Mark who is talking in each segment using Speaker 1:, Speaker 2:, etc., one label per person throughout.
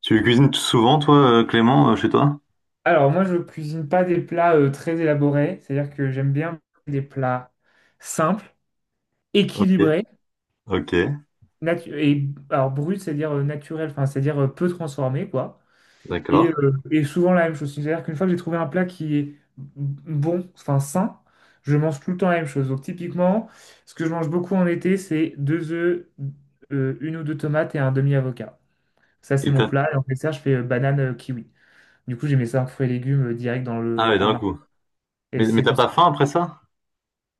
Speaker 1: Tu cuisines souvent, toi, Clément, chez toi?
Speaker 2: Alors, moi, je cuisine pas des plats très élaborés, c'est-à-dire que j'aime bien des plats simples,
Speaker 1: Ok,
Speaker 2: équilibrés,
Speaker 1: ok,
Speaker 2: et alors brut, c'est-à-dire naturel, enfin, c'est-à-dire peu transformé, quoi. Et,
Speaker 1: d'accord.
Speaker 2: euh, et souvent la même chose. C'est-à-dire qu'une fois que j'ai trouvé un plat qui est bon, enfin sain, je mange tout le temps la même chose. Donc, typiquement, ce que je mange beaucoup en été, c'est deux œufs, une ou deux tomates et un demi-avocat. Ça, c'est
Speaker 1: Et
Speaker 2: mon
Speaker 1: t'as...
Speaker 2: plat. Et en dessert, je fais banane kiwi. Du coup, j'ai mes cinq fruits et légumes direct
Speaker 1: Ah ouais,
Speaker 2: en
Speaker 1: d'un
Speaker 2: un.
Speaker 1: coup.
Speaker 2: Et
Speaker 1: Mais
Speaker 2: c'est
Speaker 1: t'as
Speaker 2: comme ça.
Speaker 1: pas faim après ça?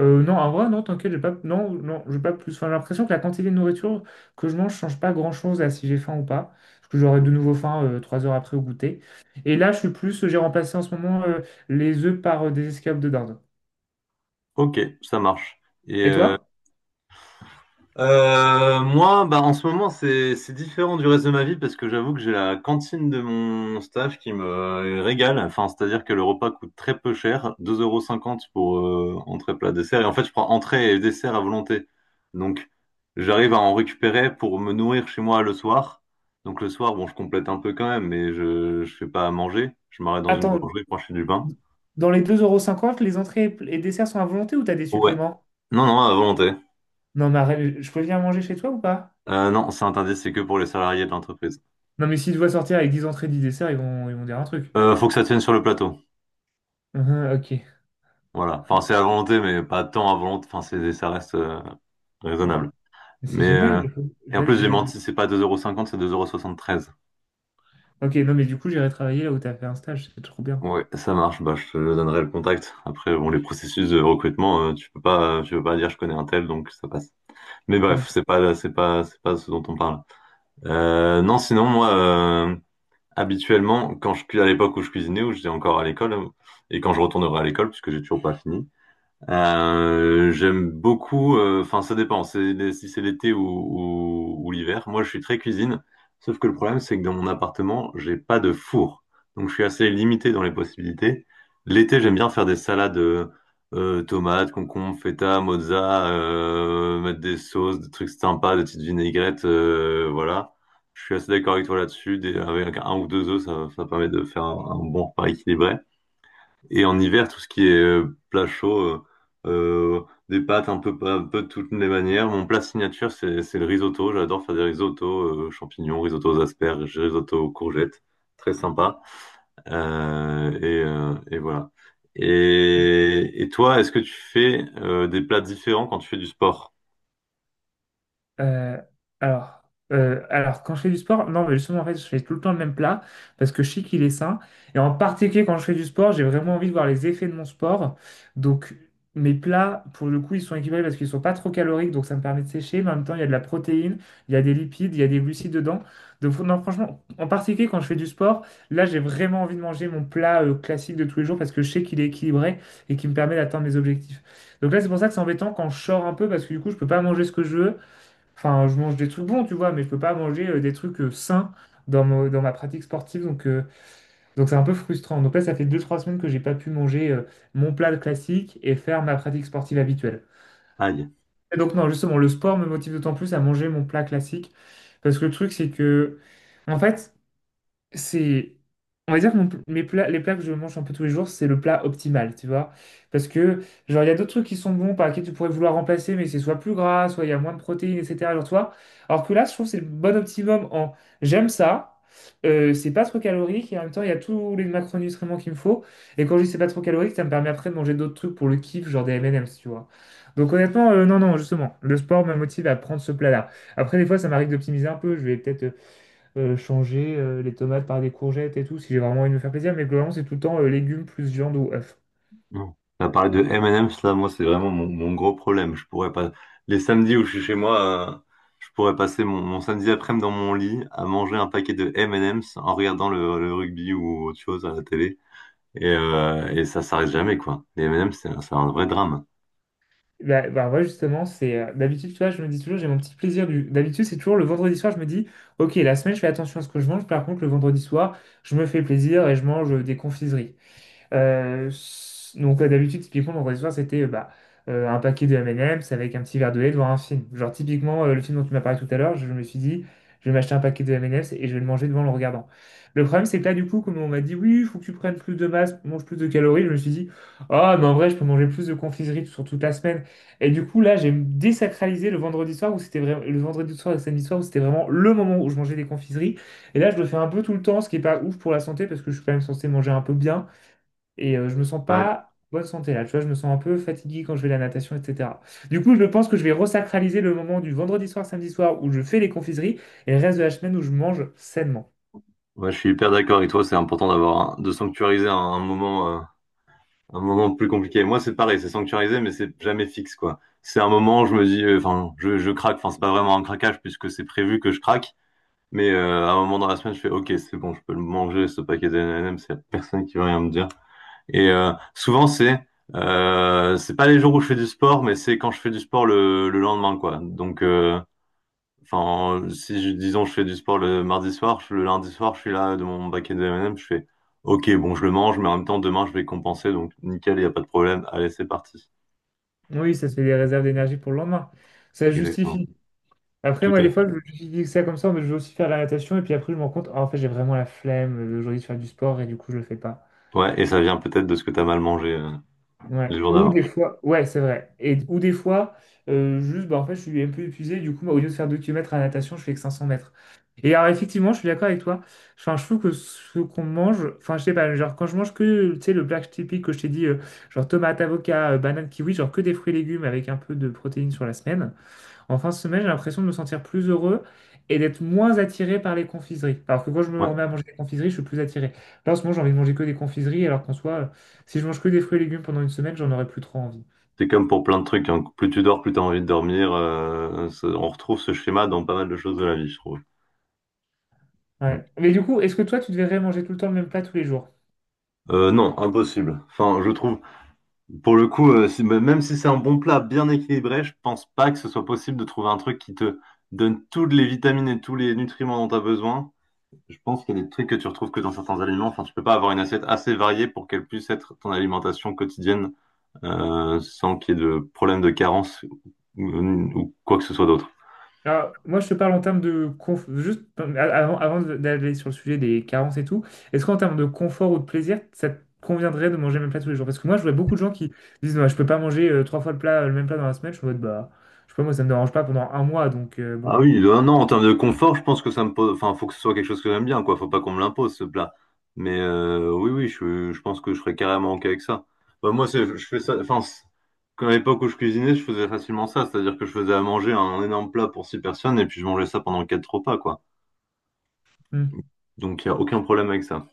Speaker 2: Non, en vrai, non, t'inquiète, j'ai pas, non, non, j'ai pas plus. Enfin, j'ai l'impression que la quantité de nourriture que je mange change pas grand-chose à si j'ai faim ou pas. Parce que j'aurai de nouveau faim 3 heures après au goûter. Et là, je suis plus, j'ai remplacé en ce moment les œufs par des escalopes de dinde.
Speaker 1: Ok, ça marche. Et,
Speaker 2: Et
Speaker 1: euh,
Speaker 2: toi?
Speaker 1: Moi, bah, en ce moment, c'est différent du reste de ma vie parce que j'avoue que j'ai la cantine de mon staff qui me régale. Enfin, c'est-à-dire que le repas coûte très peu cher, 2,50 € pour entrée, plat, dessert. Et en fait, je prends entrée et dessert à volonté. Donc, j'arrive à en récupérer pour me nourrir chez moi le soir. Donc, le soir, bon, je complète un peu quand même, mais je fais pas à manger. Je m'arrête dans une
Speaker 2: Attends,
Speaker 1: boulangerie pour acheter du pain.
Speaker 2: dans les deux euros, cinquante, les entrées et desserts sont à volonté ou t'as des
Speaker 1: Ouais.
Speaker 2: suppléments?
Speaker 1: Non, non, à volonté.
Speaker 2: Non, mais arrête, je peux venir manger chez toi ou pas?
Speaker 1: Non, c'est interdit, c'est que pour les salariés de l'entreprise.
Speaker 2: Non, mais s'ils doivent sortir avec 10 entrées, 10 desserts, ils vont dire un truc.
Speaker 1: Faut que ça tienne sur le plateau.
Speaker 2: Uhum, ok.
Speaker 1: Voilà. Enfin, c'est à volonté, mais pas tant à volonté. Enfin, c'est, ça reste raisonnable.
Speaker 2: C'est
Speaker 1: Mais
Speaker 2: génial.
Speaker 1: euh, et en plus, j'ai
Speaker 2: Je vais
Speaker 1: menti, c'est pas 2,50 euros, cinquante, c'est 2,73 euros. Soixante-treize.
Speaker 2: Ok, non, mais du coup, j'irai travailler là où tu as fait un stage, c'est trop bien.
Speaker 1: Ouais, ça marche. Bah, je te donnerai le contact. Après, bon, les processus de recrutement, tu peux pas dire je connais un tel, donc ça passe. Mais
Speaker 2: Non.
Speaker 1: bref, c'est pas ce dont on parle. Non, sinon, moi, habituellement, à l'époque où je cuisinais, où j'étais encore à l'école, et quand je retournerai à l'école, puisque j'ai toujours pas fini. J'aime beaucoup, enfin ça dépend, c'est, si c'est l'été ou, ou l'hiver. Moi je suis très cuisine, sauf que le problème c'est que dans mon appartement, j'ai pas de four. Donc je suis assez limité dans les possibilités. L'été j'aime bien faire des salades tomates, concombres, feta, mozza, mettre des sauces, des trucs sympas, des petites vinaigrettes, voilà. Je suis assez d'accord avec toi là-dessus, avec un ou deux œufs, ça permet de faire un bon repas équilibré. Et en hiver, tout ce qui est plat chaud, euh, des pâtes un peu de toutes les manières. Mon plat signature, c'est le risotto. J'adore faire des risottos, champignons, risotto aux asperges, risotto aux courgettes. Très sympa. Et voilà. Et toi, est-ce que tu fais des plats différents quand tu fais du sport?
Speaker 2: Euh, alors, alors, quand je fais du sport, non, mais justement, en fait, je fais tout le temps le même plat parce que je sais qu'il est sain. Et en particulier, quand je fais du sport, j'ai vraiment envie de voir les effets de mon sport. Donc, mes plats, pour le coup, ils sont équilibrés parce qu'ils sont pas trop caloriques, donc ça me permet de sécher. Mais en même temps, il y a de la protéine, il y a des lipides, il y a des glucides dedans. Donc, non, franchement, en particulier, quand je fais du sport, là, j'ai vraiment envie de manger mon plat classique de tous les jours parce que je sais qu'il est équilibré et qu'il me permet d'atteindre mes objectifs. Donc là, c'est pour ça que c'est embêtant quand je sors un peu parce que du coup, je peux pas manger ce que je veux. Enfin, je mange des trucs bons, tu vois, mais je peux pas manger des trucs sains dans ma pratique sportive. Donc, c'est un peu frustrant. Donc là, ça fait deux trois semaines que j'ai pas pu manger mon plat classique et faire ma pratique sportive habituelle.
Speaker 1: Aïe.
Speaker 2: Et donc non, justement, le sport me motive d'autant plus à manger mon plat classique. Parce que le truc, c'est que, en fait, c'est, on va dire que mon pl- mes plats les plats que je mange un peu tous les jours, c'est le plat optimal, tu vois. Parce que, genre, il y a d'autres trucs qui sont bons par lesquels tu pourrais vouloir remplacer, mais c'est soit plus gras, soit il y a moins de protéines, etc., genre toi. Alors que là, je trouve que c'est le bon optimum en, j'aime ça, c'est pas trop calorique et en même temps il y a tous les macronutriments qu'il me faut. Et quand je dis c'est pas trop calorique, ça me permet après de manger d'autres trucs pour le kiff, genre des M&M's, tu vois. Donc honnêtement, non non, justement le sport me motive à prendre ce plat-là. Après, des fois, ça m'arrive d'optimiser un peu, je vais peut-être changer les tomates par des courgettes et tout, si j'ai vraiment envie de me faire plaisir. Mais globalement, c'est tout le temps légumes plus viande ou œufs.
Speaker 1: Non. Tu parlé de M&M's, là, moi, c'est vraiment mon gros problème. Je pourrais pas... Les samedis où je suis chez moi, je pourrais passer mon samedi après-midi dans mon lit à manger un paquet de M&M's en regardant le rugby ou autre chose à la télé. Et ça s'arrête jamais, quoi. Les M&M's, c'est un vrai drame.
Speaker 2: Bah, bah ouais, justement, c'est d'habitude, tu vois, je me dis toujours, j'ai mon petit plaisir du. D'habitude, c'est toujours le vendredi soir, je me dis, ok, la semaine, je fais attention à ce que je mange. Par contre, le vendredi soir, je me fais plaisir et je mange des confiseries. Euh, donc, d'habitude, typiquement, mon réseau c'était un paquet de M&M's avec un petit verre de lait devant un film. Genre typiquement, le film dont tu m'as parlé tout à l'heure, je me suis dit, je vais m'acheter un paquet de M&M's et je vais le manger devant le regardant. Le problème, c'est que là, du coup, comme on m'a dit, oui, il faut que tu prennes plus de masse, mange plus de calories, je me suis dit, ah, mais en vrai, je peux manger plus de confiserie sur toute la semaine. Et du coup, là, j'ai désacralisé le vendredi soir où c'était vraiment le vendredi soir et le samedi soir où c'était vraiment le moment où je mangeais des confiseries. Et là, je le fais un peu tout le temps, ce qui est pas ouf pour la santé parce que je suis quand même censé manger un peu bien. Et je me sens
Speaker 1: Ouais,
Speaker 2: pas en bonne santé là, tu vois, je me sens un peu fatigué quand je vais à la natation, etc. Du coup, je pense que je vais resacraliser le moment du vendredi soir, samedi soir où je fais les confiseries et le reste de la semaine où je mange sainement.
Speaker 1: ouais, je suis hyper d'accord avec toi. C'est important d'avoir de sanctuariser un moment, un moment plus compliqué. Moi, c'est pareil, c'est sanctuarisé, mais c'est jamais fixe, quoi. C'est un moment où je me dis, enfin, je craque. Enfin, c'est pas vraiment un craquage puisque c'est prévu que je craque. À un moment dans la semaine, je fais, OK, c'est bon, je peux le manger, ce paquet de M&M, c'est la personne qui va rien me dire. Souvent, c'est c'est pas les jours où je fais du sport, mais c'est quand je fais du sport le lendemain, quoi. Donc, enfin, si je, disons, je fais du sport le mardi soir, le lundi soir, je suis là de mon paquet de M&M, je fais, OK, bon, je le mange, mais en même temps, demain, je vais compenser, donc nickel, il n'y a pas de problème. Allez, c'est parti.
Speaker 2: Oui, ça se fait des réserves d'énergie pour le lendemain. Ça se
Speaker 1: Exactement.
Speaker 2: justifie. Après,
Speaker 1: Tout
Speaker 2: moi,
Speaker 1: à
Speaker 2: des
Speaker 1: fait.
Speaker 2: fois, je justifie ça comme ça, mais je vais aussi faire la natation et puis après, je me rends compte, ah, en fait, j'ai vraiment la flemme aujourd'hui de faire du sport et du coup, je le fais pas.
Speaker 1: Ouais, et ça vient peut-être de ce que t'as mal mangé les
Speaker 2: Ouais.
Speaker 1: jours
Speaker 2: Ou
Speaker 1: d'avant.
Speaker 2: des fois, ouais, c'est vrai. Et, ou des fois, juste, bah, en fait, je suis un peu épuisé. Du coup, moi, au lieu de faire 2 kilomètres à la natation, je fais que 500 mètres. Et alors, effectivement, je suis d'accord avec toi. Enfin, je trouve que ce qu'on mange, enfin, je sais pas, genre, quand je mange que, tu sais, le black typique que je t'ai dit, genre tomate, avocat, banane, kiwi, genre que des fruits et légumes avec un peu de protéines sur la semaine. En fin de semaine, j'ai l'impression de me sentir plus heureux et d'être moins attiré par les confiseries. Alors que quand je me remets à manger des confiseries, je suis plus attiré. Là, en ce moment, j'ai envie de manger que des confiseries, alors qu'en soi, si je mange que des fruits et légumes pendant une semaine, j'en aurais plus trop envie.
Speaker 1: C'est comme pour plein de trucs, hein. Plus tu dors, plus tu as envie de dormir. On retrouve ce schéma dans pas mal de choses de la vie, je trouve. Mm.
Speaker 2: Ouais. Mais du coup, est-ce que toi, tu devrais manger tout le temps le même plat tous les jours?
Speaker 1: Non, impossible. Enfin, je trouve, pour le coup, même si c'est un bon plat bien équilibré, je pense pas que ce soit possible de trouver un truc qui te donne toutes les vitamines et tous les nutriments dont tu as besoin. Je pense qu'il y a des trucs que tu retrouves que dans certains aliments. Enfin, tu peux pas avoir une assiette assez variée pour qu'elle puisse être ton alimentation quotidienne, sans qu'il y ait de problème de carence ou quoi que ce soit d'autre.
Speaker 2: Alors, moi, je te parle en termes de juste avant d'aller sur le sujet des carences et tout, est-ce qu'en termes de confort ou de plaisir, ça te conviendrait de manger le même plat tous les jours? Parce que moi, je vois beaucoup de gens qui disent, non, je peux pas manger trois fois le même plat dans la semaine. Je suis en mode, bah, je sais pas, moi, ça me dérange pas pendant un mois, donc bon.
Speaker 1: Ah oui, le 1 an en termes de confort, je pense que ça me pose. Enfin, faut que ce soit quelque chose que j'aime bien, quoi. Faut pas qu'on me l'impose, ce plat. Oui, oui, je pense que je serais carrément OK avec ça. Bah, moi, c'est, je fais ça. Enfin, quand à l'époque où je cuisinais, je faisais facilement ça. C'est-à-dire que je faisais à manger un énorme plat pour six personnes et puis je mangeais ça pendant quatre repas, quoi.
Speaker 2: Mmh.
Speaker 1: Donc, il n'y a aucun problème avec ça.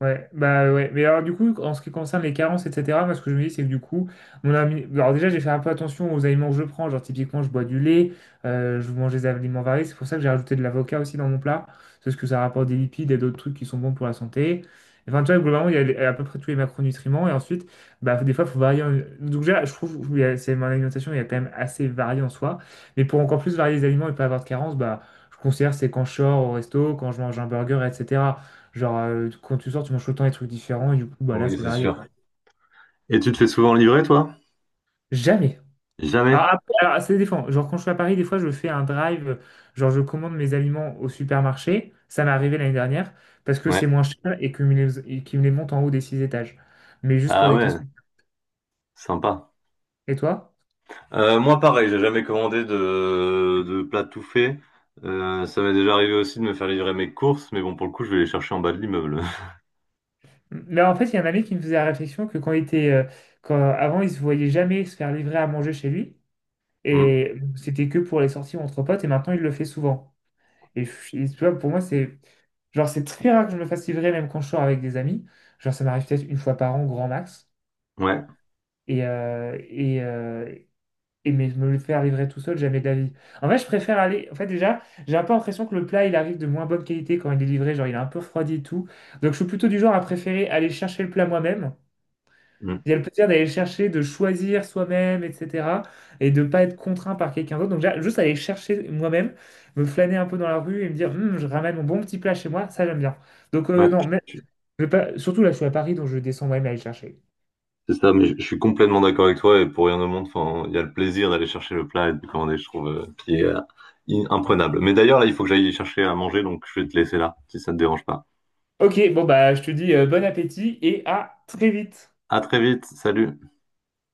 Speaker 2: Ouais, bah ouais. Mais alors du coup, en ce qui concerne les carences, etc., moi ce que je me dis, c'est que du coup, mon ami... Alors déjà, j'ai fait un peu attention aux aliments que je prends. Genre typiquement, je bois du lait, je mange des aliments variés. C'est pour ça que j'ai rajouté de l'avocat aussi dans mon plat. Parce que ça rapporte des lipides et d'autres trucs qui sont bons pour la santé. Enfin, tu vois, globalement, il y a les- à peu près tous les macronutriments. Et ensuite, bah, des fois, il faut varier. Donc déjà, je trouve que c'est mon alimentation, il y a quand même assez varié en soi. Mais pour encore plus varier les aliments et pas avoir de carences, bah, je considère que c'est quand je sors au resto, quand je mange un burger, etc. Genre, quand tu sors, tu manges tout le temps des trucs différents, et du coup, bah là,
Speaker 1: Oui,
Speaker 2: c'est
Speaker 1: c'est
Speaker 2: varié,
Speaker 1: sûr.
Speaker 2: quoi.
Speaker 1: Et tu te fais souvent livrer, toi?
Speaker 2: Jamais.
Speaker 1: Jamais.
Speaker 2: Alors, après, alors, ça dépend. Genre, quand je suis à Paris, des fois, je fais un drive, genre, je commande mes aliments au supermarché. Ça m'est arrivé l'année dernière, parce que
Speaker 1: Ouais.
Speaker 2: c'est moins cher et qu'ils me les montent en haut des six étages. Mais juste pour
Speaker 1: Ah
Speaker 2: des
Speaker 1: ouais,
Speaker 2: questions.
Speaker 1: sympa.
Speaker 2: Et toi?
Speaker 1: Moi, pareil, j'ai jamais commandé de plat tout fait. Ça m'est déjà arrivé aussi de me faire livrer mes courses, mais bon, pour le coup, je vais les chercher en bas de l'immeuble.
Speaker 2: Mais en fait, il y a un ami qui me faisait la réflexion que quand, avant, il se voyait jamais se faire livrer à manger chez lui.
Speaker 1: Hmm.
Speaker 2: Et c'était que pour les sorties entre potes, et maintenant, il le fait souvent. Et tu vois, pour moi, c'est genre c'est très rare que je me fasse livrer, même quand je sors avec des amis. Genre, ça m'arrive peut-être une fois par an, grand max.
Speaker 1: Ouais,
Speaker 2: Et, euh, et, euh, et mais me le faire livrer tout seul, jamais d'avis. En fait, je préfère aller. En fait, déjà, j'ai un peu l'impression que le plat, il arrive de moins bonne qualité quand il est livré. Genre, il est un peu refroidi et tout. Donc, je suis plutôt du genre à préférer aller chercher le plat moi-même.
Speaker 1: Hmm.
Speaker 2: Il y a le plaisir d'aller chercher, de choisir soi-même, etc. Et de ne pas être contraint par quelqu'un d'autre. Donc, juste aller chercher moi-même, me flâner un peu dans la rue et me dire, hum, je ramène mon bon petit plat chez moi, ça j'aime bien. Donc,
Speaker 1: Ouais,
Speaker 2: euh, non, mais,
Speaker 1: je- je-
Speaker 2: mais pas, surtout là, je suis à Paris, donc je descends moi-même aller le chercher.
Speaker 1: c'est ça, mais je suis complètement d'accord avec toi, et pour rien au monde, enfin, il y a le plaisir d'aller chercher le plat et de le commander, je trouve, qui est imprenable. Mais d'ailleurs, là, il faut que j'aille chercher à manger, donc je vais te laisser là, si ça te dérange pas.
Speaker 2: Ok, bon, bah, je te dis bon appétit et à très vite.
Speaker 1: À très vite, salut!